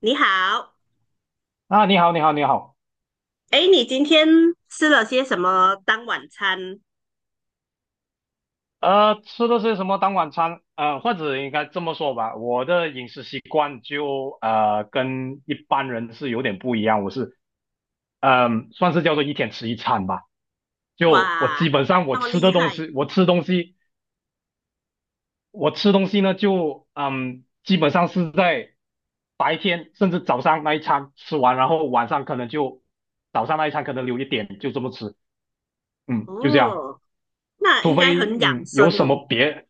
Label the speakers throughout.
Speaker 1: 你好，
Speaker 2: 啊，你好，你好，你好。
Speaker 1: 哎，你今天吃了些什么当晚餐？
Speaker 2: 吃的是什么当晚餐？或者应该这么说吧，我的饮食习惯就跟一般人是有点不一样。我是算是叫做一天吃一餐吧。就我
Speaker 1: 哇，
Speaker 2: 基
Speaker 1: 那
Speaker 2: 本上我
Speaker 1: 那么
Speaker 2: 吃
Speaker 1: 厉
Speaker 2: 的东
Speaker 1: 害
Speaker 2: 西，我吃东西，我吃东西呢，就基本上是在白天甚至早上那一餐吃完，然后晚上可能就早上那一餐可能留一点，就这么吃。就这样。
Speaker 1: 哦，那
Speaker 2: 除
Speaker 1: 应该
Speaker 2: 非
Speaker 1: 很养
Speaker 2: 嗯
Speaker 1: 生
Speaker 2: 有什
Speaker 1: 哦。
Speaker 2: 么别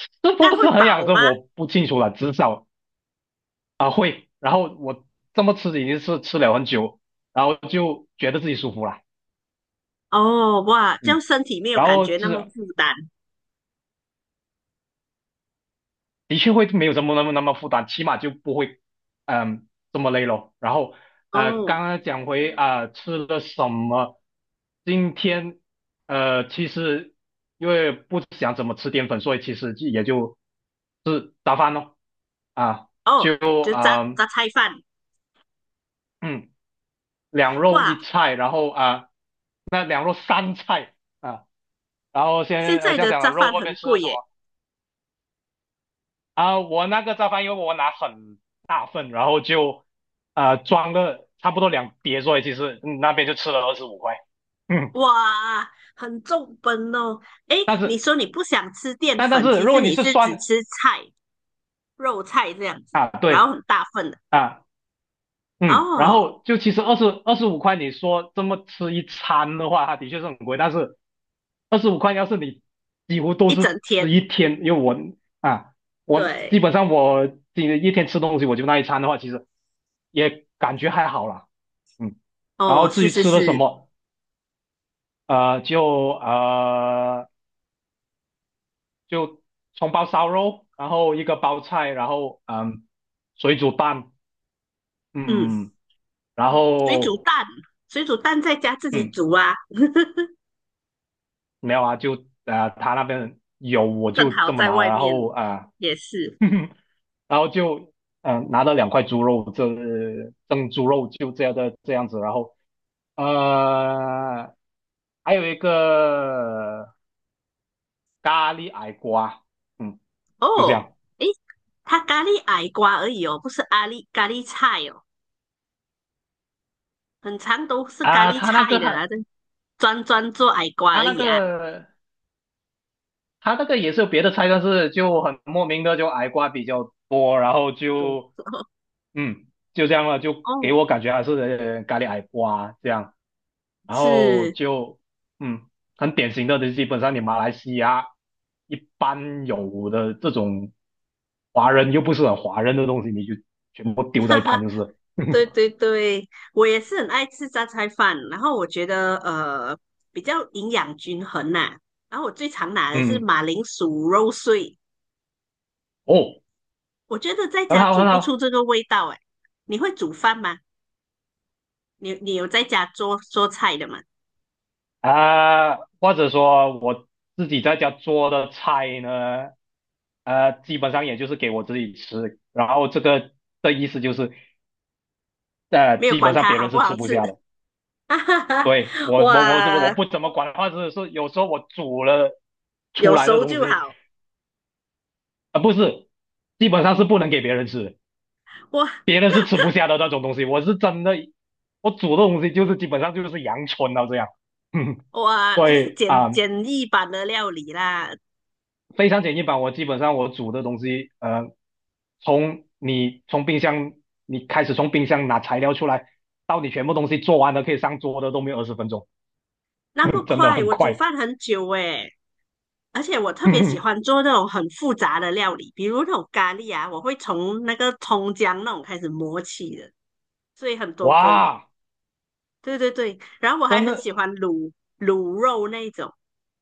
Speaker 2: 是
Speaker 1: 那
Speaker 2: 不
Speaker 1: 会
Speaker 2: 是很养
Speaker 1: 饱
Speaker 2: 生
Speaker 1: 吗？
Speaker 2: 我不清楚了，至少会。然后我这么吃已经是吃了很久，然后就觉得自己舒服了，
Speaker 1: 哦，哇，这样
Speaker 2: 嗯，
Speaker 1: 身体没有
Speaker 2: 然
Speaker 1: 感
Speaker 2: 后
Speaker 1: 觉那么
Speaker 2: 这
Speaker 1: 负担
Speaker 2: 的确会没有这么那么负担，起码就不会嗯呃这么累咯。然后刚
Speaker 1: 哦。
Speaker 2: 刚讲回吃了什么，今天其实因为不想怎么吃淀粉，所以其实就也就是早饭咯，啊
Speaker 1: 哦，
Speaker 2: 就
Speaker 1: 就榨
Speaker 2: 啊
Speaker 1: 榨菜饭，
Speaker 2: 嗯。两肉
Speaker 1: 哇，
Speaker 2: 一菜，然后啊，那两肉三菜啊，然后
Speaker 1: 现
Speaker 2: 先
Speaker 1: 在
Speaker 2: 像
Speaker 1: 的
Speaker 2: 讲了
Speaker 1: 榨
Speaker 2: 肉
Speaker 1: 饭
Speaker 2: 外
Speaker 1: 很
Speaker 2: 面吃
Speaker 1: 贵
Speaker 2: 的什
Speaker 1: 耶，
Speaker 2: 么啊，我那个炸饭因为我拿很大份，然后就装了差不多两碟，所以其实那边就吃了二十五块，嗯，
Speaker 1: 哇，很重本哦。哎，你说你不想吃淀
Speaker 2: 但但
Speaker 1: 粉，
Speaker 2: 是
Speaker 1: 其
Speaker 2: 如
Speaker 1: 实
Speaker 2: 果你
Speaker 1: 你
Speaker 2: 是
Speaker 1: 是只
Speaker 2: 酸
Speaker 1: 吃菜、肉菜这样子，
Speaker 2: 啊，
Speaker 1: 然
Speaker 2: 对
Speaker 1: 后很大份的
Speaker 2: 啊，嗯，然
Speaker 1: 哦，
Speaker 2: 后就其实二十五块，你说这么吃一餐的话，它的确是很贵。但是二十五块，要是你几乎都
Speaker 1: 一整
Speaker 2: 是
Speaker 1: 天。
Speaker 2: 吃一天，因为啊，我基
Speaker 1: 对，
Speaker 2: 本上今一天吃东西我就那一餐的话，其实也感觉还好啦。嗯，然后
Speaker 1: 哦，
Speaker 2: 至
Speaker 1: 是
Speaker 2: 于
Speaker 1: 是
Speaker 2: 吃了什
Speaker 1: 是，
Speaker 2: 么，呃，就呃就葱包烧肉，然后一个包菜，然后水煮蛋，
Speaker 1: 嗯，
Speaker 2: 嗯，然
Speaker 1: 水煮
Speaker 2: 后。
Speaker 1: 蛋，水煮蛋在家自己
Speaker 2: 嗯，
Speaker 1: 煮啊，
Speaker 2: 没有啊，就他那边有我
Speaker 1: 正
Speaker 2: 就
Speaker 1: 好
Speaker 2: 这么
Speaker 1: 在
Speaker 2: 拿了，
Speaker 1: 外
Speaker 2: 然
Speaker 1: 面
Speaker 2: 后
Speaker 1: 也是。
Speaker 2: 呃 然后就拿了两块猪肉，这蒸猪肉就这样的这样子，然后呃还有一个咖喱矮瓜，嗯，就这
Speaker 1: 哦，
Speaker 2: 样
Speaker 1: 诶，它咖喱矮瓜而已哦，不是咖喱菜哦，很常都是咖
Speaker 2: 啊、
Speaker 1: 喱菜的啊，这专做矮瓜
Speaker 2: 他
Speaker 1: 而
Speaker 2: 那
Speaker 1: 已啊。
Speaker 2: 个他那个也是有别的菜，但是就很莫名的就矮瓜比较多，然后
Speaker 1: 对，
Speaker 2: 就嗯就这样了，就给
Speaker 1: 哦，
Speaker 2: 我感觉还是咖喱矮瓜这样。然后
Speaker 1: 是，
Speaker 2: 就嗯，很典型的，就基本上你马来西亚一般有的这种华人又不是很华人的东西，你就全部丢 在
Speaker 1: 哈
Speaker 2: 一旁
Speaker 1: 哈，
Speaker 2: 就是了，
Speaker 1: 对 对对，我也是很爱吃榨菜饭，然后我觉得比较营养均衡呐、然后我最常拿的是
Speaker 2: 嗯，
Speaker 1: 马铃薯肉碎，
Speaker 2: 哦，
Speaker 1: 我觉得在
Speaker 2: 很
Speaker 1: 家
Speaker 2: 好
Speaker 1: 煮
Speaker 2: 很
Speaker 1: 不出
Speaker 2: 好。
Speaker 1: 这个味道哎。你会煮饭吗？你有在家做做菜的吗？
Speaker 2: 或者说我自己在家做的菜呢，基本上也就是给我自己吃，然后这个的意思就是，
Speaker 1: 没有
Speaker 2: 基本
Speaker 1: 管
Speaker 2: 上
Speaker 1: 它
Speaker 2: 别
Speaker 1: 好
Speaker 2: 人
Speaker 1: 不
Speaker 2: 是
Speaker 1: 好
Speaker 2: 吃不
Speaker 1: 吃，
Speaker 2: 下的。
Speaker 1: 哈哈哈。
Speaker 2: 对，我
Speaker 1: 哇，
Speaker 2: 不怎么管话是有时候我煮了出
Speaker 1: 有
Speaker 2: 来的
Speaker 1: 熟
Speaker 2: 东
Speaker 1: 就
Speaker 2: 西
Speaker 1: 好。
Speaker 2: 不是，基本上是不能给别人吃的
Speaker 1: 哇，
Speaker 2: 别人是吃不下的那种东西。我是真的，我煮的东西就是基本上就是阳春到这样，嗯
Speaker 1: 哇，
Speaker 2: 所
Speaker 1: 就是
Speaker 2: 以
Speaker 1: 简简易版的料理啦。
Speaker 2: 非常简易版。我基本上我煮的东西，从你从冰箱你开始从冰箱拿材料出来，到你全部东西做完了可以上桌的都没有20分钟，
Speaker 1: 那么
Speaker 2: 真的
Speaker 1: 快，
Speaker 2: 很
Speaker 1: 我煮
Speaker 2: 快。
Speaker 1: 饭很久诶，而且我特别喜欢做那种很复杂的料理，比如那种咖喱啊，我会从那个葱姜那种开始磨起的，所以很 多工。
Speaker 2: 哇，
Speaker 1: 对对对，然后我还
Speaker 2: 真
Speaker 1: 很
Speaker 2: 的
Speaker 1: 喜欢卤肉那一种，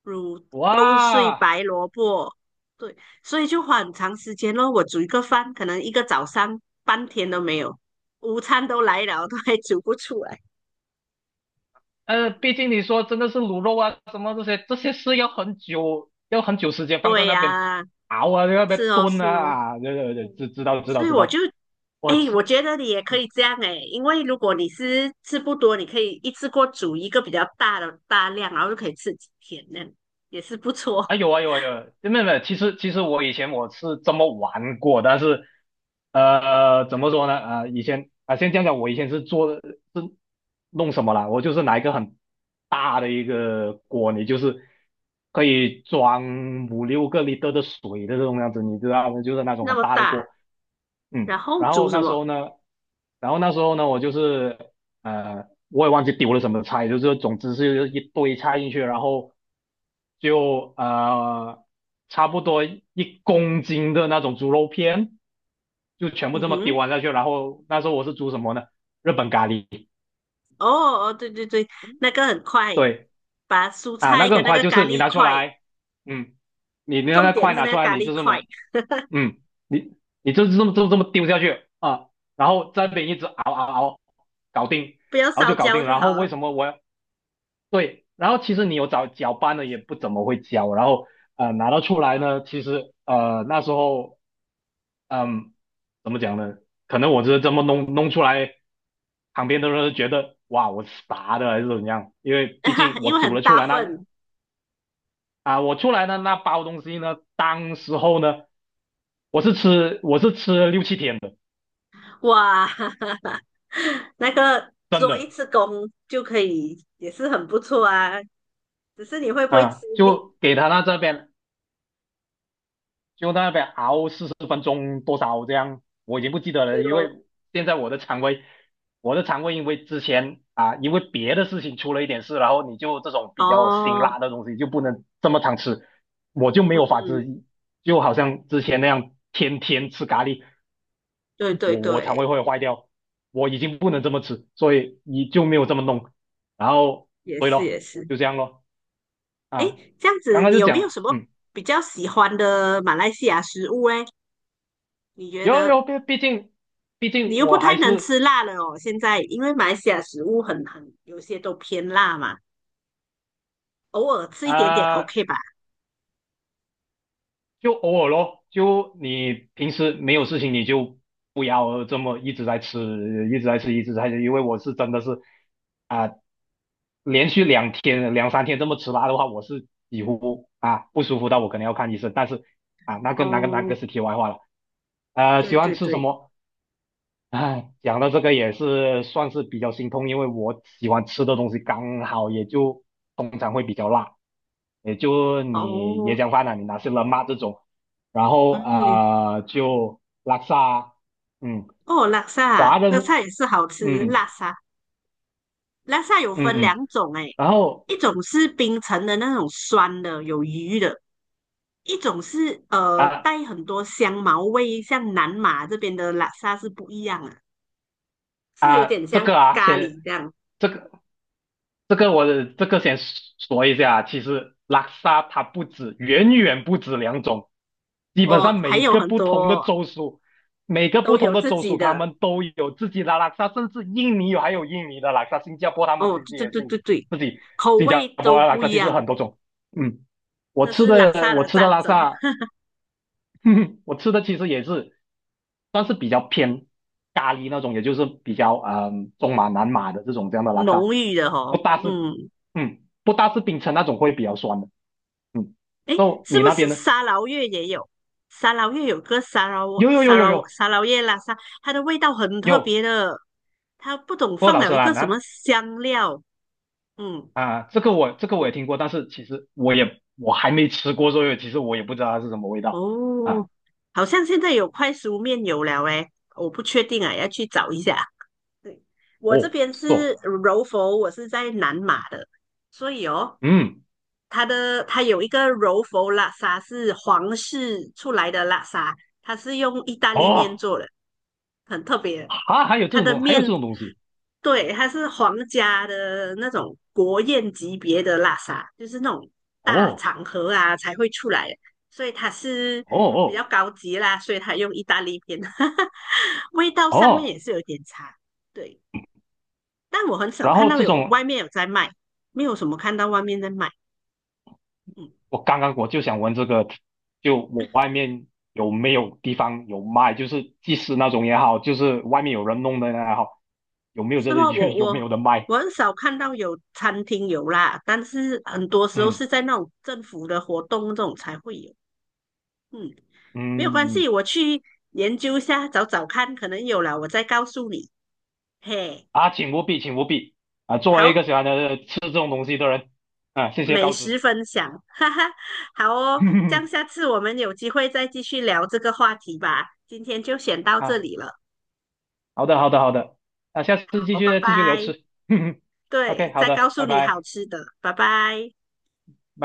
Speaker 1: 卤肉碎
Speaker 2: 哇，
Speaker 1: 白萝卜，对，所以就花很长时间咯。我煮一个饭，可能一个早上半天都没有，午餐都来了，都还煮不出来。
Speaker 2: 毕竟你说真的是卤肉啊，什么这些是要很久，要很久时间放在
Speaker 1: 对
Speaker 2: 那边
Speaker 1: 呀、
Speaker 2: 熬啊，在那边
Speaker 1: 是哦
Speaker 2: 炖
Speaker 1: 是
Speaker 2: 啊，
Speaker 1: 哦，
Speaker 2: 啊，对对对，知道知道
Speaker 1: 所以
Speaker 2: 知
Speaker 1: 我就，
Speaker 2: 道，我
Speaker 1: 哎，我
Speaker 2: 吃。
Speaker 1: 觉得你也可以这样哎，因为如果你是吃不多，你可以一次过煮一个比较大的大量，然后就可以吃几天，那样也是不错。
Speaker 2: 啊，有啊有啊有啊，没有没有，其实我以前我是这么玩过，但是怎么说呢？以前啊、先讲讲我以前是弄什么啦？我就是拿一个很大的一个锅，你就是可以装五六个 l i 的水的这种样子，你知道吗？就是那 种
Speaker 1: 那
Speaker 2: 很
Speaker 1: 么
Speaker 2: 大的
Speaker 1: 大，
Speaker 2: 锅，
Speaker 1: 然
Speaker 2: 嗯。
Speaker 1: 后煮什么？
Speaker 2: 然后那时候呢，我就是我也忘记丢了什么菜，就是总之是一堆菜进去，然后就差不多1公斤的那种猪肉片，就全部
Speaker 1: 嗯
Speaker 2: 这么丢
Speaker 1: 哼。
Speaker 2: 完下去。然后那时候我是煮什么呢？日本咖喱，
Speaker 1: 哦哦，对对对，那个很快，
Speaker 2: 对
Speaker 1: 把蔬
Speaker 2: 啊，那
Speaker 1: 菜
Speaker 2: 个很
Speaker 1: 跟那
Speaker 2: 快，
Speaker 1: 个
Speaker 2: 就
Speaker 1: 咖
Speaker 2: 是你
Speaker 1: 喱
Speaker 2: 拿出
Speaker 1: 块，
Speaker 2: 来，嗯，你
Speaker 1: 重
Speaker 2: 那
Speaker 1: 点
Speaker 2: 块
Speaker 1: 是
Speaker 2: 拿
Speaker 1: 那
Speaker 2: 出
Speaker 1: 个
Speaker 2: 来，
Speaker 1: 咖
Speaker 2: 你
Speaker 1: 喱
Speaker 2: 就这
Speaker 1: 块，
Speaker 2: 么，嗯，你就这么丢下去啊，然后这边一直熬熬熬，搞定。
Speaker 1: 不要
Speaker 2: 然后就
Speaker 1: 烧
Speaker 2: 搞
Speaker 1: 焦
Speaker 2: 定。
Speaker 1: 就
Speaker 2: 然后
Speaker 1: 好
Speaker 2: 为
Speaker 1: 了，
Speaker 2: 什么我对，然后其实你有找搅拌的也不怎么会交，然后拿到出来呢，其实那时候嗯怎么讲呢？可能我是这么弄弄出来，旁边的人都觉得哇我傻的还是怎样？因为毕竟 我
Speaker 1: 因为
Speaker 2: 煮
Speaker 1: 很
Speaker 2: 了出
Speaker 1: 大
Speaker 2: 来
Speaker 1: 份，
Speaker 2: 我出来的那包东西呢，当时候呢我是吃了6、7天的，
Speaker 1: 哇，那个
Speaker 2: 真
Speaker 1: 做一
Speaker 2: 的
Speaker 1: 次工就可以，也是很不错啊。只是你会不会吃腻，
Speaker 2: 就给他那这边就在那边熬40分钟多少这样，我已经不记得
Speaker 1: 对
Speaker 2: 了，因为
Speaker 1: 咯？
Speaker 2: 现在我的肠胃因为之前啊，因为别的事情出了一点事，然后你就这种比较辛
Speaker 1: 哦，
Speaker 2: 辣的东西就不能这么常吃，我就没
Speaker 1: 嗯
Speaker 2: 有法
Speaker 1: 嗯，
Speaker 2: 子，就好像之前那样天天吃咖喱，
Speaker 1: 对对
Speaker 2: 我肠胃
Speaker 1: 对，
Speaker 2: 会坏掉，我已经不能
Speaker 1: 嗯，
Speaker 2: 这么吃，所以你就没有这么弄，然后
Speaker 1: 也
Speaker 2: 对
Speaker 1: 是也
Speaker 2: 咯，
Speaker 1: 是。
Speaker 2: 就这样咯啊，
Speaker 1: 诶，这样
Speaker 2: 刚
Speaker 1: 子
Speaker 2: 刚
Speaker 1: 你
Speaker 2: 就
Speaker 1: 有没有
Speaker 2: 讲，
Speaker 1: 什么比较喜欢的马来西亚食物诶？你觉
Speaker 2: 有
Speaker 1: 得？
Speaker 2: 有，毕毕竟毕
Speaker 1: 你
Speaker 2: 竟
Speaker 1: 又不
Speaker 2: 我还
Speaker 1: 太能
Speaker 2: 是。
Speaker 1: 吃辣了哦。现在因为马来西亚食物很有些都偏辣嘛，偶尔吃一点点
Speaker 2: 啊、
Speaker 1: OK 吧？
Speaker 2: 就偶尔咯，就你平时没有事情，你就不要这么一直在吃，一直在吃，一直在吃，因为我是真的是啊、连续2天、2、3天这么吃辣的话，我是几乎不舒服到我可能要看医生，但是那个那个那
Speaker 1: 哦，
Speaker 2: 个是题外话了。
Speaker 1: 对
Speaker 2: 喜欢
Speaker 1: 对
Speaker 2: 吃什
Speaker 1: 对，
Speaker 2: 么？哎，讲到这个也是算是比较心痛，因为我喜欢吃的东西刚好也就通常会比较辣。也就你椰
Speaker 1: 哦，
Speaker 2: 浆饭啊，你拿些冷嘛这种，然后
Speaker 1: 嗯，也
Speaker 2: 就拉萨，嗯，
Speaker 1: 哦，拉萨
Speaker 2: 华
Speaker 1: 拉
Speaker 2: 人，
Speaker 1: 萨也是好吃，拉
Speaker 2: 嗯
Speaker 1: 萨拉萨有分
Speaker 2: 嗯嗯，
Speaker 1: 两种诶，
Speaker 2: 然后
Speaker 1: 一种是冰城的那种酸的有鱼的，一种是
Speaker 2: 啊
Speaker 1: 带很多香茅味，像南马这边的拉萨是不一样的，是有
Speaker 2: 啊、
Speaker 1: 点
Speaker 2: 这
Speaker 1: 像
Speaker 2: 个啊
Speaker 1: 咖
Speaker 2: 先
Speaker 1: 喱这样
Speaker 2: 这个这个我这个先说一下，其实拉萨它不止，远远不止两种，基本上
Speaker 1: 哦，还有很多
Speaker 2: 每个
Speaker 1: 都
Speaker 2: 不同
Speaker 1: 有
Speaker 2: 的
Speaker 1: 自
Speaker 2: 州
Speaker 1: 己
Speaker 2: 属他
Speaker 1: 的。
Speaker 2: 们都有自己的拉萨，甚至印尼有还有印尼的拉萨，新加坡他们
Speaker 1: 哦，
Speaker 2: 自己
Speaker 1: 对
Speaker 2: 也
Speaker 1: 对对
Speaker 2: 是
Speaker 1: 对对，
Speaker 2: 自己
Speaker 1: 口
Speaker 2: 新
Speaker 1: 味
Speaker 2: 加坡
Speaker 1: 都
Speaker 2: 的拉
Speaker 1: 不
Speaker 2: 萨，
Speaker 1: 一
Speaker 2: 其实
Speaker 1: 样，
Speaker 2: 很多种。嗯，我
Speaker 1: 这
Speaker 2: 吃
Speaker 1: 是拉萨
Speaker 2: 的我
Speaker 1: 的
Speaker 2: 吃的
Speaker 1: 战
Speaker 2: 拉
Speaker 1: 争，
Speaker 2: 萨，我吃的其实也是算是比较偏咖喱那种，也就是比较中马南马的这种这样的拉萨。
Speaker 1: 浓郁的
Speaker 2: 不
Speaker 1: 哦。
Speaker 2: 大是，
Speaker 1: 嗯，
Speaker 2: 不大是冰城那种会比较酸的，嗯。
Speaker 1: 诶，
Speaker 2: 就
Speaker 1: 是
Speaker 2: 你
Speaker 1: 不
Speaker 2: 那
Speaker 1: 是
Speaker 2: 边呢？
Speaker 1: 沙劳越也有？沙劳越有个沙劳
Speaker 2: 有有有
Speaker 1: 沙
Speaker 2: 有
Speaker 1: 劳
Speaker 2: 有
Speaker 1: 沙劳越拉萨，它的味道很特
Speaker 2: 有，
Speaker 1: 别的，它不懂
Speaker 2: 不过
Speaker 1: 放
Speaker 2: 老实
Speaker 1: 了一
Speaker 2: 啦，
Speaker 1: 个什么
Speaker 2: 那
Speaker 1: 香料。嗯，
Speaker 2: 这个我
Speaker 1: 我
Speaker 2: 也听过，但是其实我也还没吃过，所以其实我也不知道它是什么味道啊。
Speaker 1: 哦，好像现在有快熟面有了诶，我不确定啊，要去找一下。对，我这
Speaker 2: 哦，
Speaker 1: 边
Speaker 2: 是
Speaker 1: 是
Speaker 2: 哦，
Speaker 1: 柔佛，我是在南马的，所以哦。
Speaker 2: 嗯，
Speaker 1: 它的它有一个柔佛拉沙是皇室出来的拉沙，它是用意大利面
Speaker 2: 哦，
Speaker 1: 做的，很特别。
Speaker 2: 啊，
Speaker 1: 它的
Speaker 2: 还有这
Speaker 1: 面
Speaker 2: 种东西，
Speaker 1: 对它是皇家的那种国宴级别的拉沙，就是那种大
Speaker 2: 哦
Speaker 1: 场合啊才会出来的，所以它是
Speaker 2: 哦
Speaker 1: 比较
Speaker 2: 哦
Speaker 1: 高级啦，所以它用意大利面，味道上面
Speaker 2: 哦，
Speaker 1: 也是有点差。对，但我很少
Speaker 2: 然
Speaker 1: 看
Speaker 2: 后
Speaker 1: 到
Speaker 2: 这
Speaker 1: 有
Speaker 2: 种
Speaker 1: 外面有在卖，没有什么看到外面在卖。嗯。
Speaker 2: 我刚刚就想问这个，就我外面有没有地方有卖，就是即食那种也好，就是外面有人弄的也好，有没有
Speaker 1: 是
Speaker 2: 这些
Speaker 1: 吗？我
Speaker 2: 有没
Speaker 1: 我
Speaker 2: 有的卖？
Speaker 1: 我很少看到有餐厅有啦，但是很多时候是
Speaker 2: 嗯
Speaker 1: 在那种政府的活动这种才会有。嗯，没有关
Speaker 2: 嗯
Speaker 1: 系，
Speaker 2: 嗯
Speaker 1: 我去研究一下，找找看，可能有了，我再告诉你。嘿，
Speaker 2: 请务必，请务必啊！作为一个
Speaker 1: 好，
Speaker 2: 喜欢的吃这种东西的人，啊，谢谢
Speaker 1: 美
Speaker 2: 告知。
Speaker 1: 食分享，哈哈，好哦，这样下 次我们有机会再继续聊这个话题吧。今天就先到这
Speaker 2: 啊，
Speaker 1: 里了，
Speaker 2: 好的，好的，好的，啊，下次继
Speaker 1: 好，拜
Speaker 2: 续继续聊
Speaker 1: 拜。
Speaker 2: 吃。OK，
Speaker 1: 对，
Speaker 2: 好
Speaker 1: 再
Speaker 2: 的，
Speaker 1: 告诉
Speaker 2: 拜
Speaker 1: 你
Speaker 2: 拜
Speaker 1: 好
Speaker 2: 拜。
Speaker 1: 吃的，拜拜。